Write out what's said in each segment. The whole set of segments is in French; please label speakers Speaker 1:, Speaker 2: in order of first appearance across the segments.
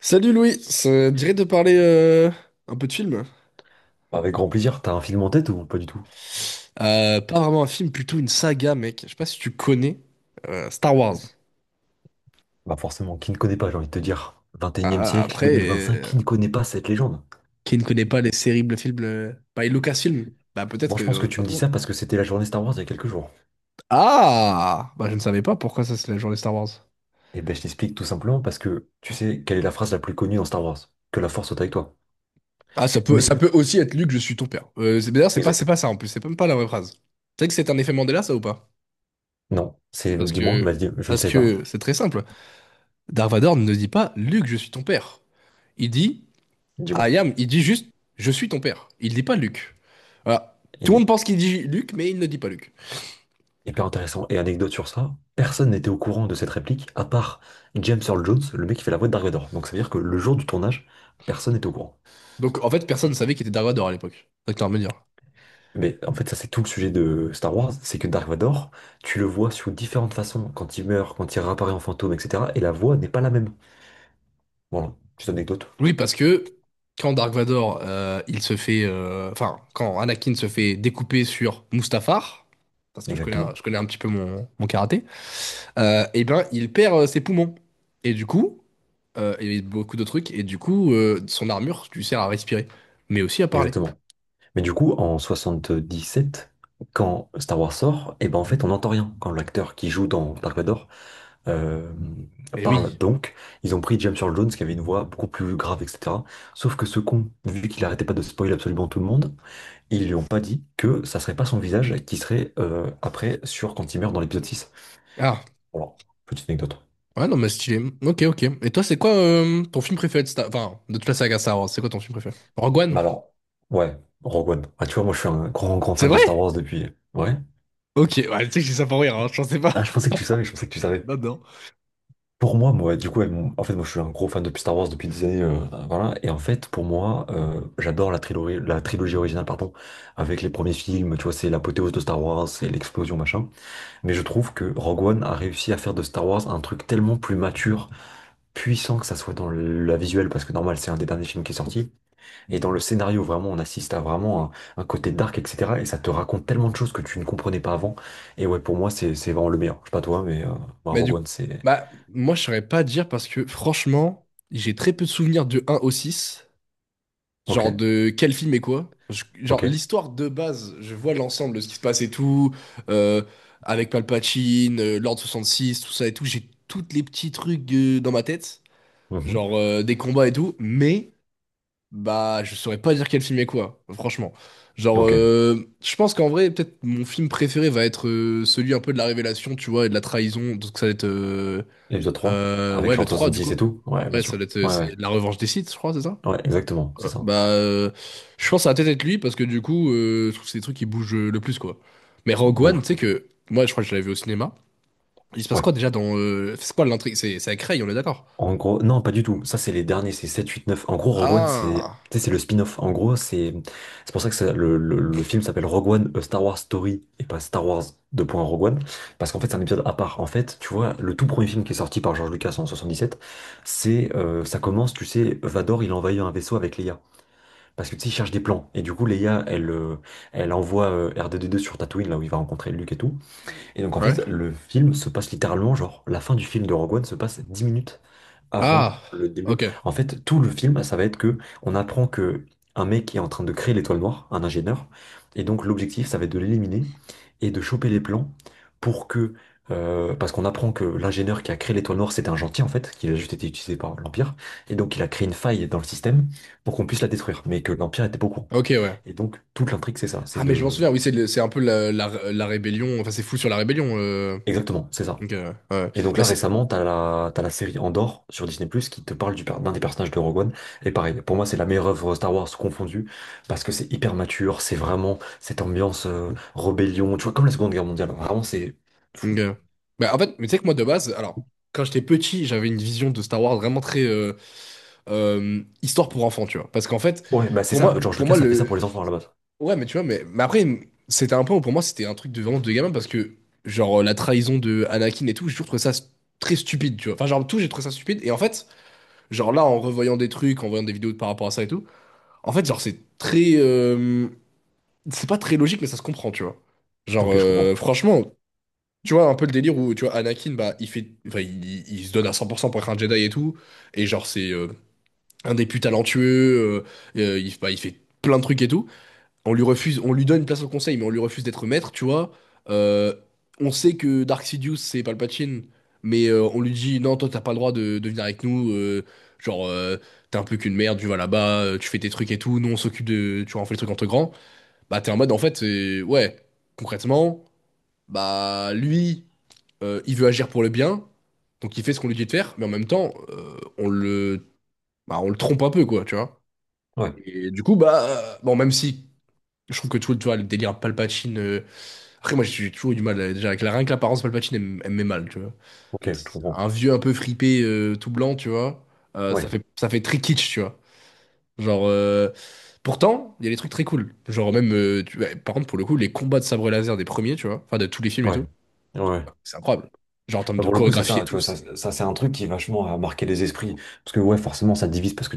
Speaker 1: Salut Louis, ça te dirait de parler un peu de film?
Speaker 2: Avec grand plaisir, t'as un film en tête ou pas du tout?
Speaker 1: Pas vraiment un film, plutôt une saga, mec. Je sais pas si tu connais Star Wars.
Speaker 2: Bah forcément, qui ne connaît pas, j'ai envie de te dire. 21e
Speaker 1: Ah,
Speaker 2: siècle,
Speaker 1: après,
Speaker 2: 2025, qui ne connaît pas cette légende?
Speaker 1: qui ne connaît pas les terribles films by Lucasfilm? Bah
Speaker 2: Moi
Speaker 1: peut-être
Speaker 2: je pense que tu
Speaker 1: pas
Speaker 2: me
Speaker 1: tout
Speaker 2: dis
Speaker 1: le monde.
Speaker 2: ça parce que c'était la journée Star Wars il y a quelques jours.
Speaker 1: Ah! Bah je ne savais pas pourquoi ça c'est la journée Star Wars.
Speaker 2: Et ben je t'explique tout simplement parce que tu sais quelle est la phrase la plus connue dans Star Wars? Que la force soit avec toi.
Speaker 1: Ah, ça peut ça
Speaker 2: Mais,
Speaker 1: peut aussi être Luke, je suis ton père. D'ailleurs, c'est pas c'est
Speaker 2: exactement.
Speaker 1: pas ça en plus, c'est même pas la vraie phrase. Tu sais que c'est un effet Mandela ça ou pas?
Speaker 2: Non, c'est
Speaker 1: Parce
Speaker 2: dis-moi,
Speaker 1: que
Speaker 2: vas-y, je ne
Speaker 1: parce
Speaker 2: sais pas.
Speaker 1: que c'est très simple. Dark Vador ne dit pas Luke, je suis ton père. Il dit
Speaker 2: Dis-moi.
Speaker 1: il dit juste, je suis ton père. Il dit pas Luc. Voilà. Tout
Speaker 2: Il
Speaker 1: le monde
Speaker 2: est
Speaker 1: pense qu'il dit Luc, mais il ne dit pas Luc.
Speaker 2: hyper intéressant. Et anecdote sur ça, personne n'était au courant de cette réplique à part James Earl Jones, le mec qui fait la voix de Dark Vador. Donc ça veut dire que le jour du tournage, personne n'était au courant.
Speaker 1: Donc en fait, personne ne savait qu'il était Dark Vador à l'époque. Ça que t'as à me dire.
Speaker 2: Mais en fait, ça, c'est tout le sujet de Star Wars, c'est que Dark Vador, tu le vois sous différentes façons, quand il meurt, quand il réapparaît en fantôme, etc. Et la voix n'est pas la même. Voilà, petite anecdote.
Speaker 1: Oui, parce que quand Dark Vador, il se fait, enfin, quand Anakin se fait découper sur Mustafar, parce que je connais,
Speaker 2: Exactement.
Speaker 1: je connais un petit peu mon karaté, eh ben, il perd ses poumons. Et du coup, et beaucoup de trucs. Et du coup, son armure, tu sert à respirer, mais aussi à parler.
Speaker 2: Exactement. Mais du coup, en 77 quand Star Wars sort, et ben en fait, on n'entend rien. Quand l'acteur qui joue dans Dark Vador euh,
Speaker 1: Et
Speaker 2: parle,
Speaker 1: oui.
Speaker 2: donc, ils ont pris James Earl Jones, qui avait une voix beaucoup plus grave, etc. Sauf que ce con, vu qu'il arrêtait pas de spoiler absolument tout le monde, ils lui ont pas dit que ça serait pas son visage qui serait après sur quand il meurt dans l'épisode 6.
Speaker 1: Ah.
Speaker 2: Voilà, petite anecdote.
Speaker 1: Ouais, non, mais stylé. Ok, ok. Et toi, c'est quoi ton film préféré de Enfin, de toute la saga Star Wars, c'est quoi ton film préféré? Rogue One?
Speaker 2: Bah alors, ouais, Rogue One. Ah, tu vois, moi je suis un grand grand
Speaker 1: C'est
Speaker 2: fan
Speaker 1: vrai?
Speaker 2: de Star Wars depuis. Ouais.
Speaker 1: Ok, ouais, tu sais que j'ai ça pour rire, hein, je pensais pas.
Speaker 2: Ah, je pensais que tu savais, je pensais que tu savais.
Speaker 1: Non, non.
Speaker 2: Pour moi, du coup, ouais, en fait, moi je suis un gros fan de Star Wars depuis des années. Voilà. Et en fait, pour moi, j'adore la trilogie originale, pardon, avec les premiers films, tu vois, c'est l'apothéose de Star Wars, c'est l'explosion, machin. Mais je trouve que Rogue One a réussi à faire de Star Wars un truc tellement plus mature puissant, que ça soit dans la visuelle, parce que normal, c'est un des derniers films qui est sorti, et dans le scénario, vraiment, on assiste à vraiment un côté dark, etc. Et ça te raconte tellement de choses que tu ne comprenais pas avant. Et ouais, pour moi, c'est vraiment le meilleur. Je sais pas toi, mais moi,
Speaker 1: Bah
Speaker 2: Rogue
Speaker 1: du
Speaker 2: One,
Speaker 1: coup,
Speaker 2: c'est...
Speaker 1: bah moi je saurais pas dire parce que franchement, j'ai très peu de souvenirs de un au 6.
Speaker 2: Ok,
Speaker 1: Genre de quel film et quoi. Genre
Speaker 2: ok,
Speaker 1: l'histoire de base, je vois l'ensemble de ce qui se passe et tout, euh, avec Palpatine, l'Ordre 66, tout ça et tout, j'ai toutes les petits trucs dans ma tête,
Speaker 2: mhm,
Speaker 1: genre des combats et tout, mais bah, je saurais pas dire quel film est quoi, franchement. Genre,
Speaker 2: ok.
Speaker 1: je pense qu'en vrai, peut-être mon film préféré va être celui un peu de la révélation, tu vois, et de la trahison. Donc ça va être...
Speaker 2: Épisode 3
Speaker 1: ouais,
Speaker 2: avec
Speaker 1: le
Speaker 2: l'an
Speaker 1: 3
Speaker 2: soixante
Speaker 1: du
Speaker 2: six et
Speaker 1: coup.
Speaker 2: tout? Ouais, bien
Speaker 1: Ouais, ça
Speaker 2: sûr.
Speaker 1: va être...
Speaker 2: Ouais,
Speaker 1: c'est
Speaker 2: ouais,
Speaker 1: la revanche des Sith, je crois, c'est ça?
Speaker 2: ouais, exactement, c'est
Speaker 1: Ouais.
Speaker 2: ça.
Speaker 1: Bah, je pense que ça va peut-être être lui, parce que du coup, je trouve que c'est les trucs qui bougent le plus, quoi. Mais Rogue
Speaker 2: De
Speaker 1: One, tu
Speaker 2: ouf.
Speaker 1: sais que... Moi, je crois que je l'avais vu au cinéma. Il se passe quoi
Speaker 2: Ouais.
Speaker 1: déjà dans... c'est quoi l'intrigue? C'est avec Rey, on est d'accord?
Speaker 2: En gros, non, pas du tout. Ça, c'est les derniers, c'est 7, 8, 9. En gros, Rogue One, c'est
Speaker 1: Ah...
Speaker 2: tu sais, c'est le spin-off. En gros, c'est pour ça que le film s'appelle Rogue One, A Star Wars Story et pas Star Wars 2. Rogue One. Parce qu'en fait, c'est un épisode à part. En fait, tu vois, le tout premier film qui est sorti par George Lucas en 77, c'est ça commence, tu sais, Vador, il envahit un vaisseau avec Leia. Parce que tu sais, il cherche des plans. Et du coup, Leia, elle envoie R2D2 sur Tatooine, là où il va rencontrer Luke et tout. Et donc, en
Speaker 1: Ouais.
Speaker 2: fait, le film se passe littéralement, genre, la fin du film de Rogue One se passe 10 minutes avant
Speaker 1: Ah...
Speaker 2: le début.
Speaker 1: Ok.
Speaker 2: En fait, tout le film, ça va être que on apprend que un mec est en train de créer l'étoile noire, un ingénieur, et donc l'objectif, ça va être de l'éliminer et de choper les plans pour que, parce qu'on apprend que l'ingénieur qui a créé l'étoile noire, c'était un gentil en fait, qu'il a juste été utilisé par l'Empire, et donc il a créé une faille dans le système pour qu'on puisse la détruire, mais que l'Empire était pas au courant.
Speaker 1: Ok, ouais.
Speaker 2: Et donc toute l'intrigue, c'est ça, c'est
Speaker 1: Ah, mais je m'en
Speaker 2: de,
Speaker 1: souviens, oui, c'est un peu la rébellion. Enfin, c'est fou sur la rébellion. Euh.
Speaker 2: exactement, c'est ça.
Speaker 1: Donc, ouais.
Speaker 2: Et donc
Speaker 1: Bah,
Speaker 2: là,
Speaker 1: c'est.
Speaker 2: récemment, t'as la série Andor sur Disney+, qui te parle d'un des personnages de Rogue One. Et pareil, pour moi, c'est la meilleure œuvre Star Wars confondue, parce que c'est hyper mature, c'est vraiment cette ambiance rébellion, tu vois, comme la Seconde Guerre mondiale. Vraiment, c'est fou.
Speaker 1: Donc, bah, en fait, mais tu sais que moi, de base, alors, quand j'étais petit, j'avais une vision de Star Wars vraiment très histoire pour enfants, tu vois. Parce qu'en fait,
Speaker 2: Ouais, bah c'est
Speaker 1: pour
Speaker 2: ça,
Speaker 1: moi,
Speaker 2: George
Speaker 1: pour moi,
Speaker 2: Lucas a fait ça
Speaker 1: le.
Speaker 2: pour les enfants à la base.
Speaker 1: Ouais, mais tu vois, mais après, c'était un peu. Pour moi, c'était un truc de vraiment de gamin parce que, genre, la trahison de Anakin et tout, j'ai toujours trouvé ça très stupide, tu vois. Enfin, genre, tout, j'ai trouvé ça stupide. Et en fait, genre, là, en revoyant des trucs, en voyant des vidéos par rapport à ça et tout, en fait, genre, c'est très. C'est pas très logique, mais ça se comprend, tu vois. Genre,
Speaker 2: Ok, je comprends.
Speaker 1: franchement, tu vois, un peu le délire où, tu vois, Anakin, bah, il fait, enfin, il se donne à cent pour être un Jedi et tout, et genre, c'est un des plus talentueux, il, bah, il fait plein de trucs et tout. On lui refuse, on lui donne une place au conseil, mais on lui refuse d'être maître, tu vois. Euh, on sait que Dark Sidious, c'est Palpatine, mais on lui dit, non, toi, t'as pas le droit de venir avec nous, genre, t'es un peu qu'une merde, tu vas là-bas, tu fais tes trucs et tout, nous, on s'occupe de, tu vois, on fait les trucs entre grands. Bah, t'es en mode, en fait, c'est... ouais, concrètement, bah, lui, il veut agir pour le bien, donc il fait ce qu'on lui dit de faire, mais en même temps, on le, bah, on le trompe un peu, quoi, tu vois.
Speaker 2: Ouais,
Speaker 1: Et du coup, bah, bon, même si je trouve que tu vois, le délire Palpatine. Après, moi, j'ai toujours eu du mal, déjà, avec la... rien que l'apparence Palpatine, elle, elle me met mal, tu vois. En
Speaker 2: ok,
Speaker 1: fait,
Speaker 2: je comprends.
Speaker 1: un vieux un peu fripé, tout blanc, tu vois,
Speaker 2: Ouais,
Speaker 1: ça fait très kitsch, tu vois. Genre. Pourtant, il y a des trucs très cool. Genre même, ouais, par contre, pour le coup, les combats de sabre laser des premiers, tu vois, enfin de tous les films et tout,
Speaker 2: ouais, ouais.
Speaker 1: c'est incroyable. Genre en termes
Speaker 2: Bah,
Speaker 1: de
Speaker 2: pour le coup, c'est
Speaker 1: chorégraphie
Speaker 2: ça,
Speaker 1: et
Speaker 2: tu
Speaker 1: tout,
Speaker 2: vois, ça,
Speaker 1: c'est...
Speaker 2: ça c'est un truc qui vachement a marqué les esprits. Parce que ouais, forcément, ça divise parce que,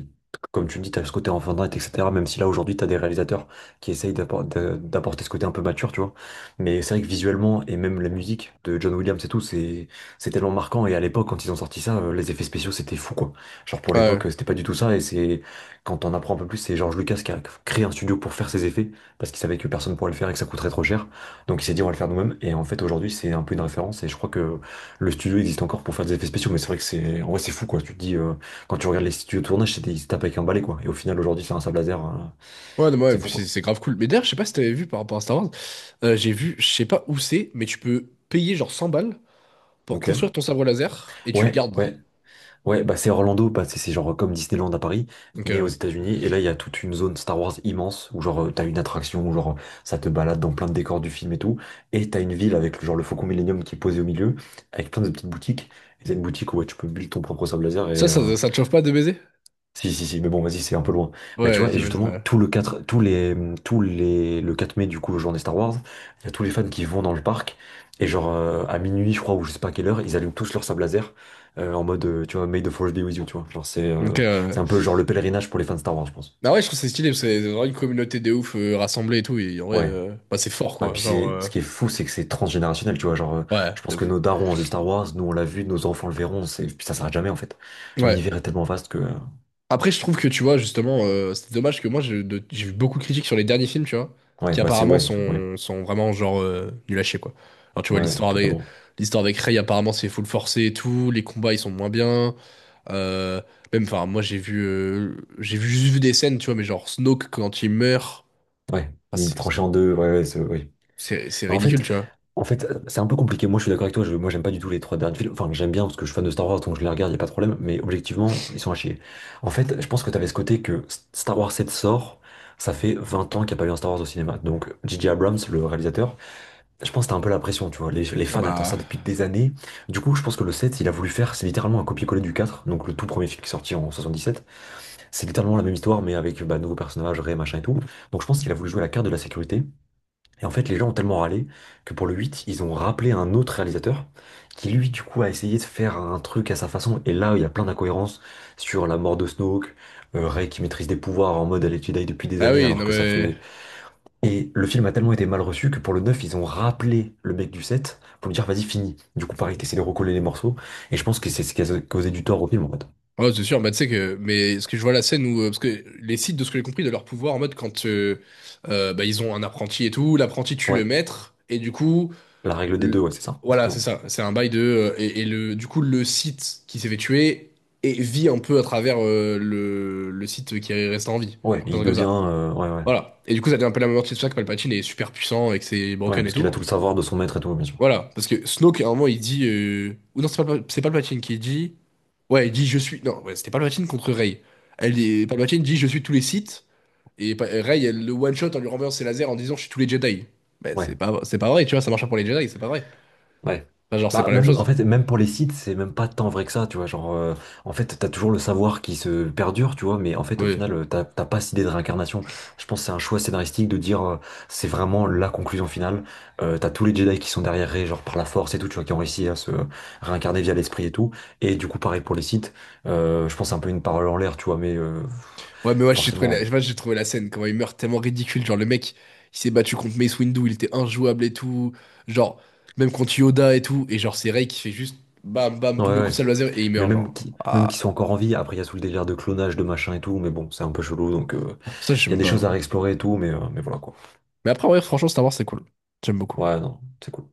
Speaker 2: comme tu le dis, t'as ce côté enfant d'être, etc. Même si là, aujourd'hui, t'as des réalisateurs qui essayent d'apporter ce côté un peu mature, tu vois. Mais c'est vrai que visuellement, et même la musique de John Williams et tout, c'est tellement marquant. Et à l'époque, quand ils ont sorti ça, les effets spéciaux, c'était fou, quoi. Genre, pour
Speaker 1: Ouais,
Speaker 2: l'époque, c'était pas du tout ça. Et c'est, quand on apprend un peu plus, c'est George Lucas qui a créé un studio pour faire ses effets, parce qu'il savait que personne pourrait le faire et que ça coûterait trop cher. Donc il s'est dit on va le faire nous-mêmes et en fait aujourd'hui c'est un peu une référence et je crois que le studio existe encore pour faire des effets spéciaux, mais c'est vrai que c'est, en vrai, c'est fou, quoi. Tu te dis, quand tu regardes les studios de tournage, c'était, ils se tapent avec un balai, quoi. Et au final, aujourd'hui, c'est un sable laser,
Speaker 1: ouais, non, ouais,
Speaker 2: c'est fou,
Speaker 1: puis
Speaker 2: quoi.
Speaker 1: c'est grave cool. Mais d'ailleurs, je sais pas si t'avais vu par rapport à Star Wars, j'ai vu, je sais pas où c'est, mais tu peux payer genre 100 balles pour construire
Speaker 2: Ok.
Speaker 1: ton sabre laser et tu le
Speaker 2: Ouais,
Speaker 1: gardes.
Speaker 2: ouais, ouais, bah, c'est Orlando, bah, c'est genre comme Disneyland à Paris,
Speaker 1: Donc
Speaker 2: mais aux États-Unis. Et là, il y a toute une zone Star Wars immense, où genre, t'as une attraction, où genre, ça te balade dans plein de décors du film et tout. Et t'as une ville avec, genre, le Faucon Millenium qui est posé au milieu, avec plein de petites boutiques. Et t'as une boutique où, ouais, tu peux build ton propre sable laser
Speaker 1: ça,
Speaker 2: et...
Speaker 1: ça te chauffe pas de baiser?
Speaker 2: Si, si, si, mais bon, vas-y, c'est un peu loin. Mais tu
Speaker 1: Ouais,
Speaker 2: vois, et
Speaker 1: j'imagine.
Speaker 2: justement,
Speaker 1: Ouais.
Speaker 2: tout le 4 tous les, le 4 mai, du coup, journée Star Wars, il y a tous les fans qui vont dans le parc, et genre, à minuit, je crois, ou je sais pas à quelle heure, ils allument tous leur sable laser, en mode, tu vois, May the Force be with you, tu vois. Genre,
Speaker 1: Donc,
Speaker 2: c'est un peu genre le pèlerinage pour les fans de Star Wars, je pense.
Speaker 1: bah ouais, je trouve que c'est stylé parce que c'est vraiment une communauté de ouf rassemblée et tout. Et en vrai,
Speaker 2: Ouais.
Speaker 1: bah, c'est fort
Speaker 2: Bah,
Speaker 1: quoi.
Speaker 2: puis
Speaker 1: Genre,
Speaker 2: c'est, ce qui est fou, c'est que c'est transgénérationnel, tu vois. Genre,
Speaker 1: ouais,
Speaker 2: je
Speaker 1: de
Speaker 2: pense que
Speaker 1: ouf.
Speaker 2: nos darons ont vu Star Wars, nous on l'a vu, nos enfants le verront, c'est, puis ça s'arrête jamais, en fait.
Speaker 1: Ouais.
Speaker 2: L'univers est tellement vaste que,
Speaker 1: Après, je trouve que tu vois, justement, c'est dommage que moi, j'ai vu beaucoup de critiques sur les derniers films, tu vois,
Speaker 2: ouais,
Speaker 1: qui
Speaker 2: bah, c'est,
Speaker 1: apparemment
Speaker 2: ouais, ouais,
Speaker 1: sont vraiment genre nuls à chier, quoi. Alors, tu vois,
Speaker 2: ouais,
Speaker 1: l'histoire avec,
Speaker 2: totalement.
Speaker 1: l'histoire avec Rey, apparemment, c'est full forcé et tout, les combats, ils sont moins bien. Euh, même, enfin, moi, j'ai vu, juste vu des scènes, tu vois, mais genre Snoke, quand il meurt,
Speaker 2: Ouais,
Speaker 1: enfin,
Speaker 2: il est
Speaker 1: c'est
Speaker 2: tranché en deux, ouais, ouais, oui.
Speaker 1: c'est
Speaker 2: Bah, En
Speaker 1: ridicule,
Speaker 2: fait,
Speaker 1: tu vois.
Speaker 2: en fait, c'est un peu compliqué. Moi, je suis d'accord avec toi, moi, j'aime pas du tout les trois derniers films. Enfin, j'aime bien parce que je suis fan de Star Wars, donc je les regarde, y a pas de problème, mais objectivement, ils sont à chier. En fait, je pense que t'avais ce côté que Star Wars 7 sort, ça fait 20 ans qu'il n'y a pas eu un Star Wars au cinéma. Donc, J. J. Abrams, le réalisateur, je pense que t'as un peu la pression, tu vois. Les
Speaker 1: Ah
Speaker 2: fans attendent ça
Speaker 1: bah.
Speaker 2: depuis des années. Du coup, je pense que le 7, il a voulu faire, c'est littéralement un copier-coller du 4. Donc le tout premier film qui est sorti en 77, c'est littéralement la même histoire, mais avec bah, nouveaux personnages, Rey, machin et tout. Donc, je pense qu'il a voulu jouer à la carte de la sécurité. Et en fait, les gens ont tellement râlé que pour le 8, ils ont rappelé un autre réalisateur qui, lui, du coup, a essayé de faire un truc à sa façon. Et là, il y a plein d'incohérences sur la mort de Snoke, Rey qui maîtrise des pouvoirs en mode elle est Jedi depuis des
Speaker 1: Ah
Speaker 2: années
Speaker 1: oui,
Speaker 2: alors
Speaker 1: non
Speaker 2: que ça
Speaker 1: mais.
Speaker 2: fait... Et le film a tellement été mal reçu que pour le 9, ils ont rappelé le mec du 7 pour lui dire vas-y, fini. Du coup, pareil, t'essaies de recoller les morceaux. Et je pense que c'est ce qui a causé du tort au film, en fait.
Speaker 1: Ouais, c'est sûr, bah, tu sais que, mais ce que je vois la scène où, parce que les Sith, de ce que j'ai compris, de leur pouvoir, en mode quand bah, ils ont un apprenti et tout, l'apprenti tue le
Speaker 2: Ouais,
Speaker 1: maître, et du coup,
Speaker 2: la règle des deux,
Speaker 1: le-
Speaker 2: ouais, c'est ça,
Speaker 1: voilà, c'est
Speaker 2: exactement.
Speaker 1: ça, c'est un bail de, et le, du coup, le Sith qui s'est fait tuer et vit un peu à travers le Sith qui reste en vie,
Speaker 2: Ouais,
Speaker 1: genre, un
Speaker 2: il
Speaker 1: truc comme
Speaker 2: devient...
Speaker 1: ça.
Speaker 2: ouais, ouais.
Speaker 1: Voilà. Et du coup, ça devient un peu la même moitié de ça que Palpatine est super puissant et que c'est
Speaker 2: Ouais,
Speaker 1: broken et
Speaker 2: parce qu'il
Speaker 1: tout.
Speaker 2: a tout le savoir de son maître et tout, bien sûr.
Speaker 1: Voilà. Parce que Snoke, à un moment, il dit, ou non, c'est pas, c'est Palpatine qui dit. Ouais, il dit je suis. Non, ouais, c'était Palpatine contre Rey. Elle est... Palpatine dit je suis tous les Sith. Et Rey, elle le one-shot en lui renversant ses lasers en disant je suis tous les Jedi. Mais
Speaker 2: Ouais.
Speaker 1: c'est pas vrai, tu vois, ça marche pas pour les Jedi, c'est pas vrai.
Speaker 2: Ouais.
Speaker 1: Enfin, genre, c'est
Speaker 2: Bah,
Speaker 1: pas la même
Speaker 2: même, en
Speaker 1: chose.
Speaker 2: fait, même pour les sites, c'est même pas tant vrai que ça, tu vois. Genre, en fait, t'as toujours le savoir qui se perdure, tu vois, mais en fait, au
Speaker 1: Ouais.
Speaker 2: final, t'as pas cette idée de réincarnation. Je pense que c'est un choix scénaristique de dire, c'est vraiment la conclusion finale. T'as tous les Jedi qui sont derrière Rey, genre par la force et tout, tu vois, qui ont réussi à se réincarner via l'esprit et tout. Et du coup, pareil pour les sites, je pense que c'est un peu une parole en l'air, tu vois, mais
Speaker 1: Ouais, mais ouais, j'ai trouvé la...
Speaker 2: forcément.
Speaker 1: je pas, j'ai trouvé la scène, comment il meurt tellement ridicule. Genre, le mec, il s'est battu contre Mace Windu, il était injouable et tout. Genre, même contre Yoda et tout. Et genre, c'est Rey qui fait juste bam, bam,
Speaker 2: Ouais,
Speaker 1: double coup de
Speaker 2: ouais.
Speaker 1: sabre laser et il
Speaker 2: Mais
Speaker 1: meurt,
Speaker 2: même
Speaker 1: genre.
Speaker 2: qui, même
Speaker 1: Ah,
Speaker 2: qu'ils sont encore en vie, après, il y a tout le délire de clonage, de machin et tout, mais bon, c'est un peu chelou, donc.
Speaker 1: ça, je sais
Speaker 2: Il y a
Speaker 1: même
Speaker 2: des
Speaker 1: pas.
Speaker 2: choses à réexplorer et tout, mais voilà quoi.
Speaker 1: Mais après, ouais, franchement, Star Wars, c'est cool. J'aime beaucoup.
Speaker 2: Ouais, non, c'est cool.